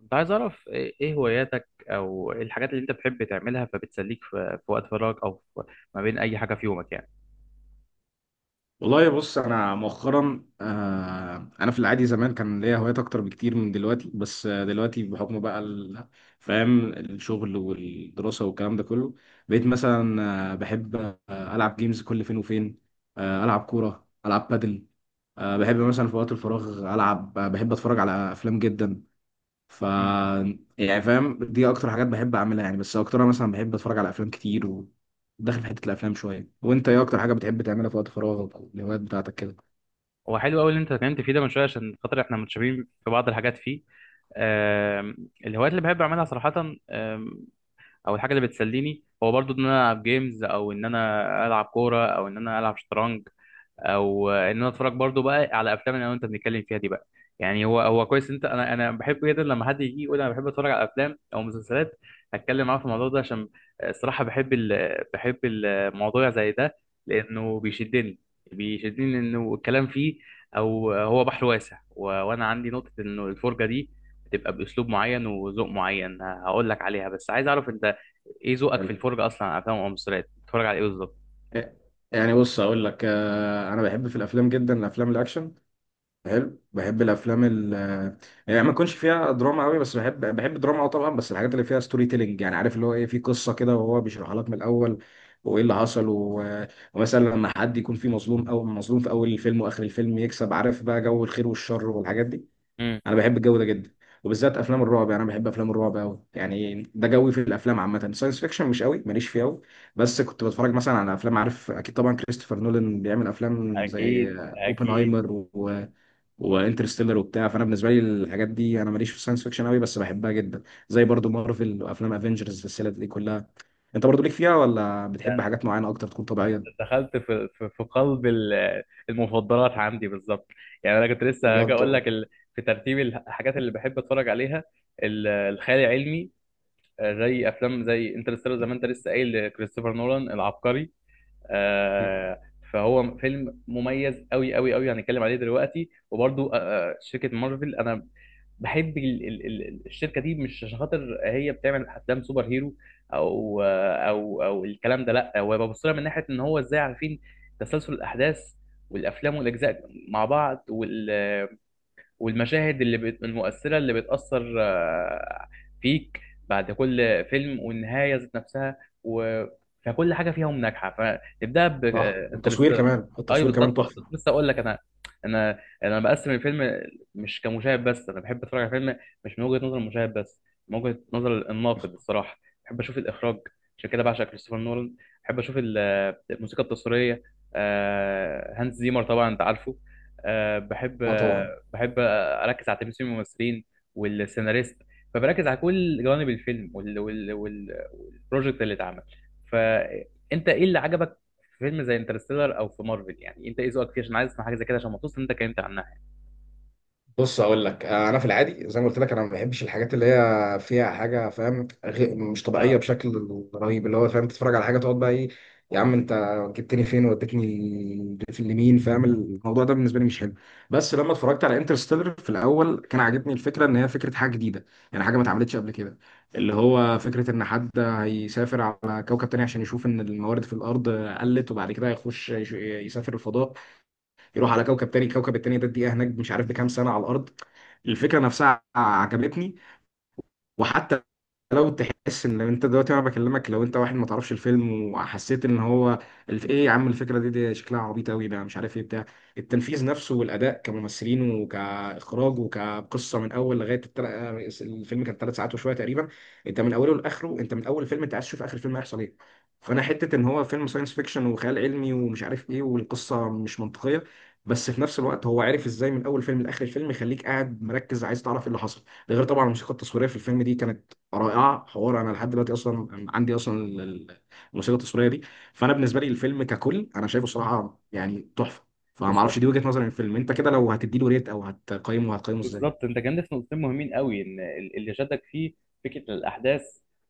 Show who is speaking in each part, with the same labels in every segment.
Speaker 1: كنت عايز أعرف إيه هواياتك أو إيه الحاجات اللي أنت بتحب تعملها فبتسليك في وقت فراغك أو في ما بين أي حاجة في يومك يعني.
Speaker 2: والله، بص، انا مؤخرا آه انا في العادي زمان كان ليا هوايات اكتر بكتير من دلوقتي، بس دلوقتي بحكم بقى فاهم الشغل والدراسه والكلام ده كله. بقيت مثلا بحب، العب جيمز كل فين وفين، العب كوره، العب بادل، بحب مثلا في وقت الفراغ العب، بحب اتفرج على افلام جدا. ف
Speaker 1: مم.
Speaker 2: يعني فاهم، دي اكتر حاجات بحب اعملها يعني، بس اكترها مثلا بحب اتفرج على افلام كتير وداخل في حته الافلام شويه. وانت، ايه اكتر حاجه بتحب تعملها في وقت فراغك او الهوايات بتاعتك كده؟
Speaker 1: هو حلو أوي اللي أنت اتكلمت فيه ده من شوية عشان خاطر إحنا متشابهين في بعض الحاجات فيه. آم، الهوايات اللي بحب أعملها صراحة، آم، أو الحاجة اللي بتسليني هو برضو إن أنا ألعب جيمز أو إن أنا ألعب كورة أو إن أنا ألعب شطرنج، او ان انا اتفرج برضو بقى على افلام اللي انا وانت بنتكلم فيها دي بقى. يعني هو كويس، انت انا بحب جدا لما حد يجي يقول انا بحب اتفرج على افلام او مسلسلات اتكلم معاه في الموضوع ده، عشان الصراحه بحب بحب الموضوع زي ده لانه بيشدني. بيشدني لانه الكلام فيه او هو بحر واسع وانا عندي نقطه انه الفرجه دي بتبقى باسلوب معين وذوق معين، هقول لك عليها بس عايز اعرف انت ايه ذوقك في
Speaker 2: حلو.
Speaker 1: الفرجه، اصلا على افلام او مسلسلات بتتفرج على ايه بالظبط.
Speaker 2: إيه، يعني بص اقول لك، انا بحب في الافلام جدا الافلام الاكشن. حلو، بحب الافلام يعني ما يكونش فيها دراما قوي، بس بحب الدراما اه طبعا، بس الحاجات اللي فيها ستوري تيلينج، يعني عارف اللي هو ايه، في قصه كده وهو بيشرحها لك من الاول وايه اللي حصل ومثلا لما حد يكون فيه مظلوم، او مظلوم في اول الفيلم واخر الفيلم يكسب. عارف بقى جو الخير والشر والحاجات دي.
Speaker 1: مم.
Speaker 2: انا بحب الجو ده جدا، وبالذات افلام الرعب. يعني انا بحب افلام الرعب قوي، يعني ده جوي في الافلام عامه. ساينس فيكشن مش قوي، ماليش فيه قوي، بس كنت بتفرج مثلا على افلام. عارف اكيد طبعا كريستوفر نولان بيعمل افلام زي
Speaker 1: أكيد أكيد.
Speaker 2: اوبنهايمر وانترستيلر وبتاع. فانا بالنسبه لي الحاجات دي، انا ماليش في الساينس فيكشن قوي، بس بحبها جدا. زي برضو مارفل وافلام افنجرز السلسله دي كلها. انت برضو ليك فيها، ولا بتحب حاجات معينه اكتر تكون طبيعيه؟
Speaker 1: دخلت في في قلب المفضلات عندي بالظبط. يعني انا كنت لسه هاجي
Speaker 2: بجد
Speaker 1: اقول
Speaker 2: طبعا.
Speaker 1: لك في ترتيب الحاجات اللي بحب اتفرج عليها، الخيال العلمي. زي افلام زي انترستيلر، زي ما انت لسه قايل لكريستوفر نولان العبقري. آه، فهو فيلم مميز قوي قوي قوي، هنتكلم عليه دلوقتي. وبرضو، شركة مارفل، انا بحب الشركه دي مش عشان خاطر هي بتعمل افلام سوبر هيرو او الكلام ده، لا، هو ببص لها من ناحيه ان هو ازاي عارفين تسلسل الاحداث والافلام والاجزاء مع بعض، والمشاهد المؤثرة اللي بتأثر فيك بعد كل فيلم، والنهاية ذات نفسها، و... فكل حاجة فيهم ناجحة. فنبدأ ب
Speaker 2: صح، التصوير
Speaker 1: انترستيلر.
Speaker 2: كمان،
Speaker 1: أيوه
Speaker 2: التصوير كمان
Speaker 1: بالظبط بالظبط.
Speaker 2: تحفه.
Speaker 1: لسه أقول لك، أنا بقسم الفيلم مش كمشاهد بس، أنا بحب أتفرج على فيلم مش من وجهة نظر المشاهد بس، من وجهة نظر الناقد الصراحة. بحب أشوف الإخراج، عشان كده بعشق كريستوفر نولان. بحب أشوف الموسيقى التصويرية، هانس زيمر طبعا أنت عارفه. آه، بحب
Speaker 2: اه
Speaker 1: آه،
Speaker 2: طبعا.
Speaker 1: بحب اركز على تمثيل الممثلين والسيناريست، فبركز على كل جوانب الفيلم والبروجكت اللي اتعمل. فانت ايه اللي عجبك في فيلم زي انترستيلر او في مارفل، يعني انت ايه ذوقك فيه؟ عشان عايز اسمع حاجه زي كده، عشان مبسوط ان انت اتكلمت عنها.
Speaker 2: بص اقول لك، انا في العادي زي ما قلت لك انا ما بحبش الحاجات اللي هي فيها حاجه فاهم مش طبيعيه
Speaker 1: اه.
Speaker 2: بشكل رهيب، اللي هو فاهم تتفرج على حاجه تقعد بقى ايه، يا عم انت جبتني فين وديتني في اليمين؟ فاهم، الموضوع ده بالنسبه لي مش حلو. بس لما اتفرجت على انترستيلر في الاول، كان عاجبني الفكره ان هي فكره حاجه جديده، يعني حاجه ما اتعملتش قبل كده. اللي هو فكره ان حد هيسافر على كوكب تاني عشان يشوف ان الموارد في الارض قلت، وبعد كده هيخش يسافر الفضاء، يروح على كوكب تاني. الكوكب التاني ده الدقيقه هناك مش عارف بكام سنه على الارض. الفكره نفسها عجبتني. وحتى لو تحس ان، لو انت دلوقتي وانا بكلمك لو انت واحد ما تعرفش الفيلم وحسيت ان هو ايه يا عم الفكره دي شكلها عبيط قوي ده مش عارف ايه، بتاع التنفيذ نفسه والاداء كممثلين وكاخراج وكقصه من اول لغايه الفيلم كان ثلاث ساعات وشويه تقريبا. انت من اوله لاخره، انت من اول الفيلم انت عايز تشوف اخر الفيلم هيحصل ايه. فانا حته ان هو فيلم ساينس فيكشن وخيال علمي ومش عارف ايه، والقصه مش منطقيه، بس في نفس الوقت هو عارف ازاي من اول فيلم لاخر الفيلم يخليك قاعد مركز عايز تعرف ايه اللي حصل. ده غير طبعا الموسيقى التصويريه في الفيلم دي كانت رائعه. حوار انا لحد دلوقتي اصلا عندي اصلا الموسيقى التصويريه دي. فانا بالنسبه لي الفيلم ككل انا شايفه صراحه يعني تحفه. فما اعرفش،
Speaker 1: بالظبط
Speaker 2: دي وجهه نظري للفيلم. انت كده لو هتديله ريت او هتقيمه، هتقيمه ازاي؟
Speaker 1: بالظبط. انت كان في نقطتين مهمين قوي ان اللي شدك فيه فكره الاحداث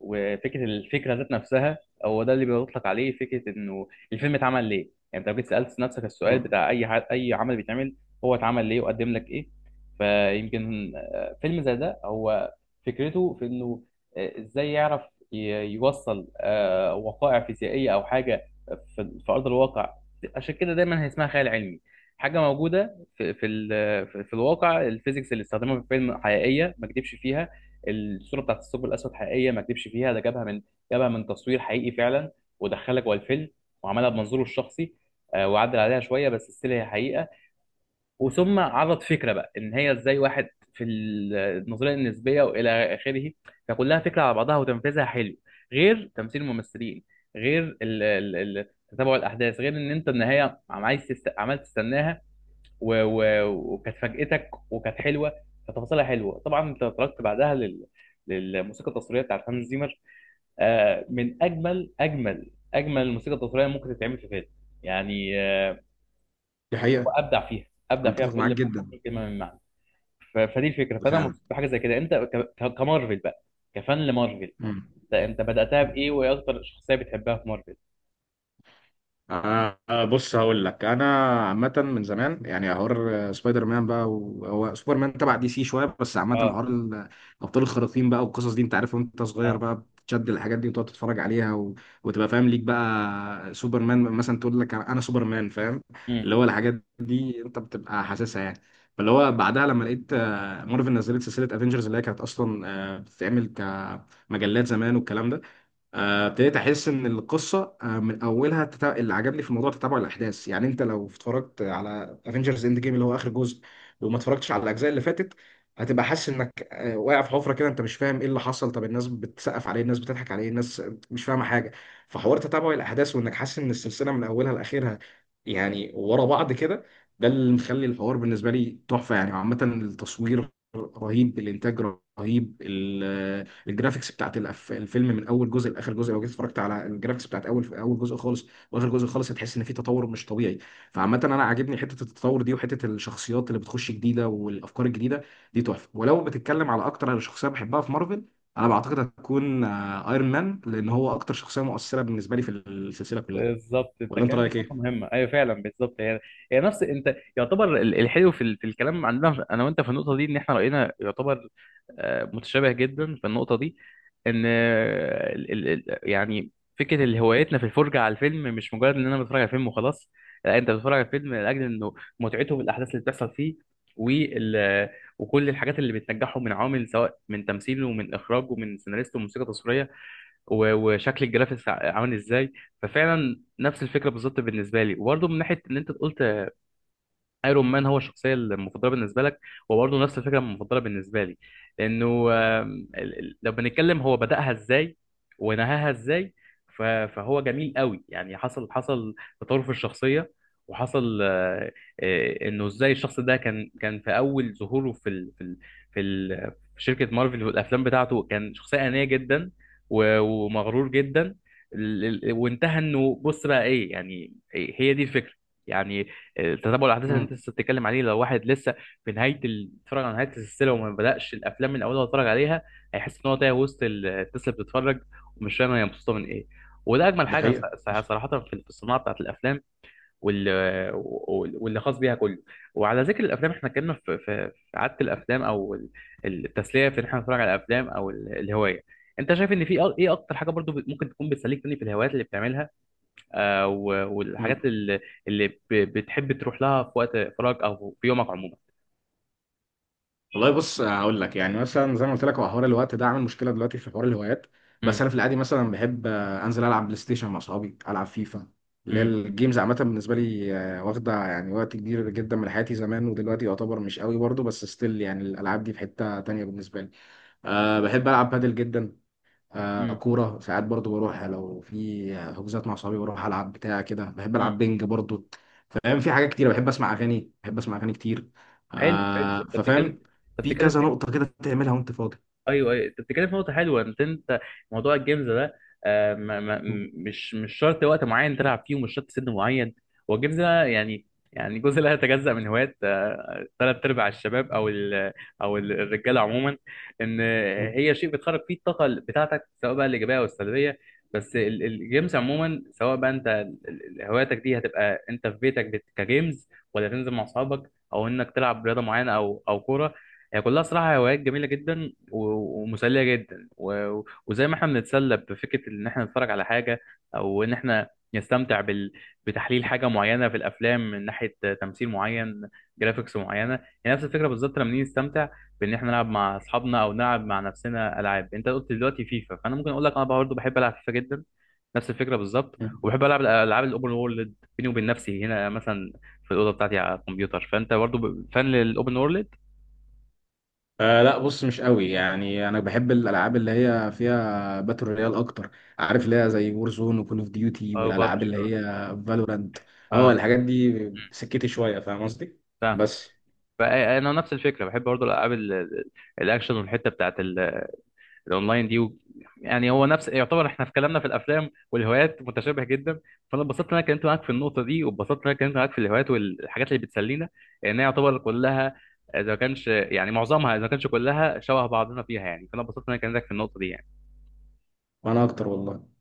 Speaker 1: وفكره الفكره ذات نفسها. هو ده اللي بيطلق عليه فكره انه الفيلم اتعمل ليه. يعني انت لو جيت سالت نفسك السؤال
Speaker 2: مم.
Speaker 1: بتاع اي اي عمل بيتعمل هو اتعمل ليه وقدم لك ايه. فيمكن فيلم زي ده هو فكرته في انه ازاي يعرف ي- يوصل وقائع فيزيائيه او حاجه في ارض الواقع. عشان كده دايما هي اسمها خيال علمي، حاجه موجوده في في ال- في في الواقع. الفيزيكس اللي استخدمها في الفيلم حقيقيه، ما كدبش فيها. الصوره بتاعت الثقب الاسود حقيقيه، ما كدبش فيها، ده جابها من تصوير حقيقي فعلا، ودخلها جوه الفيلم وعملها بمنظوره الشخصي، وعدل عليها شويه بس ستيل هي حقيقه. وثم عرض فكره بقى ان هي ازاي واحد في النظريه النسبيه والى اخره. فكلها فكره على بعضها، وتنفيذها حلو، غير تمثيل الممثلين، غير تتابع الاحداث، غير ان انت النهايه عايز عمال تستناها، و... و... وكانت فاجأتك وكانت حلوه. فتفاصيلها حلوه. طبعا انت تركت بعدها للموسيقى التصويريه بتاعت هانز زيمر، آه، من اجمل اجمل اجمل الموسيقى التصويريه ممكن تتعمل في فيلم. يعني آه،
Speaker 2: دي حقيقه.
Speaker 1: ابدع فيها، ابدع
Speaker 2: أنا
Speaker 1: فيها
Speaker 2: متفق معاك
Speaker 1: بكل
Speaker 2: جدا.
Speaker 1: كلمه من معنى. فدي الفكره، فانا
Speaker 2: فعلا.
Speaker 1: مبسوط بحاجه زي كده. انت كمارفل بقى، كفان لمارفل، انت بداتها
Speaker 2: مم.
Speaker 1: بايه، وايه اكتر شخصيه بتحبها في مارفل؟
Speaker 2: بص هقول لك انا، عامه من زمان يعني حوار سبايدر مان بقى وهو سوبر مان تبع دي سي شويه. بس عامه
Speaker 1: اه.
Speaker 2: حوار الابطال الخارقين بقى والقصص دي، انت عارف وانت صغير بقى بتشد الحاجات دي وتقعد تتفرج عليها، و... وتبقى فاهم ليك بقى سوبر مان مثلا، تقول لك انا سوبر مان. فاهم،
Speaker 1: اه
Speaker 2: اللي هو الحاجات دي انت بتبقى حاسسها يعني. فاللي هو بعدها لما لقيت مارفل نزلت سلسله افنجرز، اللي هي كانت اصلا بتتعمل كمجلات زمان والكلام ده، ابتديت احس ان القصه من اولها اللي عجبني في الموضوع تتابع الاحداث. يعني انت لو اتفرجت على افنجرز اند جيم، اللي هو اخر جزء، وما اتفرجتش على الاجزاء اللي فاتت، هتبقى حاسس انك واقع في حفره كده، انت مش فاهم ايه اللي حصل، طب الناس بتسقف عليه، الناس بتضحك عليه، الناس مش فاهمه حاجه. فحوار تتابع الاحداث، وانك حاسس ان السلسله من اولها لاخرها يعني ورا بعض كده، ده اللي مخلي الحوار بالنسبه لي تحفه. يعني عامه التصوير رهيب، الانتاج رهيب، الجرافيكس بتاعت الفيلم من اول جزء لاخر جزء. لو جيت اتفرجت على الجرافيكس بتاعت اول اول جزء خالص واخر جزء خالص، هتحس ان في تطور مش طبيعي. فعامه انا عاجبني حته التطور دي، وحته الشخصيات اللي بتخش جديده والافكار الجديده دي تحفه. ولو بتتكلم على اكتر على شخصيه بحبها في مارفل، انا بعتقد هتكون ايرون مان، لان هو اكتر شخصيه مؤثره بالنسبه لي في السلسله كلها.
Speaker 1: بالظبط. انت
Speaker 2: ولا انت
Speaker 1: كلمت في
Speaker 2: رايك
Speaker 1: نقطه
Speaker 2: ايه؟
Speaker 1: مهمه، ايوه فعلا بالظبط. هي نفس، انت يعتبر الحلو في في الكلام عندنا انا وانت في النقطه دي، ان احنا راينا يعتبر متشابه جدا في النقطه دي. ان يعني فكره اللي هوايتنا في الفرجه على الفيلم مش مجرد ان انا بتفرج على فيلم وخلاص، لا، انت بتتفرج على الفيلم لاجل انه متعته بالاحداث اللي بتحصل فيه، وال وكل الحاجات اللي بتنجحه من عوامل، سواء من تمثيله ومن اخراجه ومن سيناريسته وموسيقى تصويريه، وشكل الجرافيكس عامل ازاي. ففعلا نفس الفكره بالظبط بالنسبه لي. وبرضه من ناحيه ان انت قلت ايرون مان هو الشخصيه المفضله بالنسبه لك، وبرضه نفس الفكره المفضله بالنسبه لي، لانه لو بنتكلم هو بداها ازاي ونهاها ازاي. فهو جميل قوي. يعني حصل تطور في الشخصيه، وحصل انه ازاي الشخص ده كان في اول ظهوره في, ال في شركه مارفل والافلام بتاعته كان شخصيه انانيه جدا ومغرور جدا. وانتهى انه بص بقى ايه يعني. هي دي الفكره، يعني تتابع الاحداث اللي انت
Speaker 2: مم.
Speaker 1: لسه بتتكلم عليه. لو واحد لسه في نهايه بيتفرج على نهايه السلسله وما بداش الافلام من اولها واتفرج عليها، هيحس ان هو تايه وسط الناس اللي بتتفرج، ومش فاهم هي مبسوطه من ايه. وده اجمل
Speaker 2: ده
Speaker 1: حاجه
Speaker 2: حقيقة.
Speaker 1: صراحه في في الصناعه بتاعت الافلام وال- واللي خاص بيها كله. وعلى ذكر الافلام، احنا اتكلمنا في في في عاده الافلام او التسليه في ان احنا نتفرج على الافلام او الهوايه. انت شايف ان في ايه اكتر حاجه برضو ممكن تكون بتسليك تاني في الهوايات اللي بتعملها، والحاجات اللي بتحب تروح لها في وقت فراغ او في يومك عموما؟
Speaker 2: والله بص، هقول لك يعني مثلا زي ما قلت لك، هو حوار الوقت ده عامل مشكله دلوقتي في حوار الهوايات. بس
Speaker 1: مم.
Speaker 2: انا في العادي مثلا بحب، انزل العب بلاي ستيشن مع اصحابي، العب فيفا، اللي هي
Speaker 1: مم.
Speaker 2: الجيمز عامه بالنسبه لي. واخده يعني وقت كبير جدا من حياتي زمان، ودلوقتي يعتبر مش قوي برضه، بس ستيل يعني الالعاب دي في حته تانيه بالنسبه لي. بحب العب بادل جدا.
Speaker 1: مم.
Speaker 2: كورة ساعات برضو، بروح لو في حجوزات مع صحابي بروح ألعب بتاع كده. بحب
Speaker 1: مم.
Speaker 2: ألعب بينج برضو، فاهم، في حاجات كتير. بحب أسمع أغاني، بحب أسمع أغاني كتير.
Speaker 1: حلو حلو. انت بتتكلم،
Speaker 2: ففاهم،
Speaker 1: انت
Speaker 2: في
Speaker 1: بتتكلم
Speaker 2: كذا نقطة كده تعملها وأنت فاضي.
Speaker 1: ايوه ايوه، انت بتتكلم في نقطه حلوه. انت موضوع الجيمز ده، آه، ما... ما... مش شرط وقت معين تلعب فيه، ومش شرط سن معين. هو الجيمز ده يعني، يعني جزء لا يتجزأ من هوايات ثلاث ارباع الشباب او الرجاله عموما. ان هي شيء بتخرج فيه الطاقه بتاعتك سواء بقى الايجابيه او السلبيه. بس الجيمز عموما، سواء بقى انت هواياتك دي هتبقى انت في بيتك كجيمز، ولا تنزل مع اصحابك، او انك تلعب رياضه معينه او كوره. هي كلها صراحه هوايات جميله جدا ومسليه جدا، وزي ما احنا بنتسلى بفكره ان احنا نتفرج على حاجه او ان احنا نستمتع بال... بتحليل حاجه معينه في الافلام من ناحيه تمثيل معين، جرافيكس معينه، هي نفس الفكره بالظبط لما نيجي نستمتع بان احنا نلعب مع اصحابنا او نلعب مع نفسنا العاب. انت قلت دلوقتي فيفا، فانا ممكن اقول لك انا برضه بحب العب فيفا جدا، نفس الفكره بالظبط. وبحب العب الالعاب الاوبن وورلد بيني وبين نفسي هنا، مثلا في الاوضه بتاعتي على الكمبيوتر، فانت برضه فان للاوبن وورلد.
Speaker 2: لا، بص مش قوي، يعني انا بحب الالعاب اللي هي فيها باتل رويال اكتر، عارف اللي هي زي وور زون وكول اوف ديوتي
Speaker 1: اه
Speaker 2: والالعاب
Speaker 1: بابجي
Speaker 2: اللي
Speaker 1: اه.
Speaker 2: هي فالورانت. اه،
Speaker 1: اه.
Speaker 2: الحاجات دي.
Speaker 1: مم.
Speaker 2: سكتي شويه، فاهم قصدي،
Speaker 1: فاهم.
Speaker 2: بس.
Speaker 1: فانا نفس الفكره، بحب برضه الالعاب الاكشن والحته بتاعت الاونلاين دي يعني هو نفس يعتبر، احنا في كلامنا في الافلام والهوايات متشابه جدا. فانا اتبسطت ان انا اتكلمت معاك في النقطه دي، واتبسطت ان انا اتكلمت معاك في الهوايات والحاجات اللي بتسلينا، لان هي يعتبر كلها، اذا ما كانش يعني معظمها، اذا ما كانش كلها شبه بعضنا فيها يعني. فانا اتبسطت ان انا كلمتك في النقطه دي يعني.
Speaker 2: وانا اكتر والله.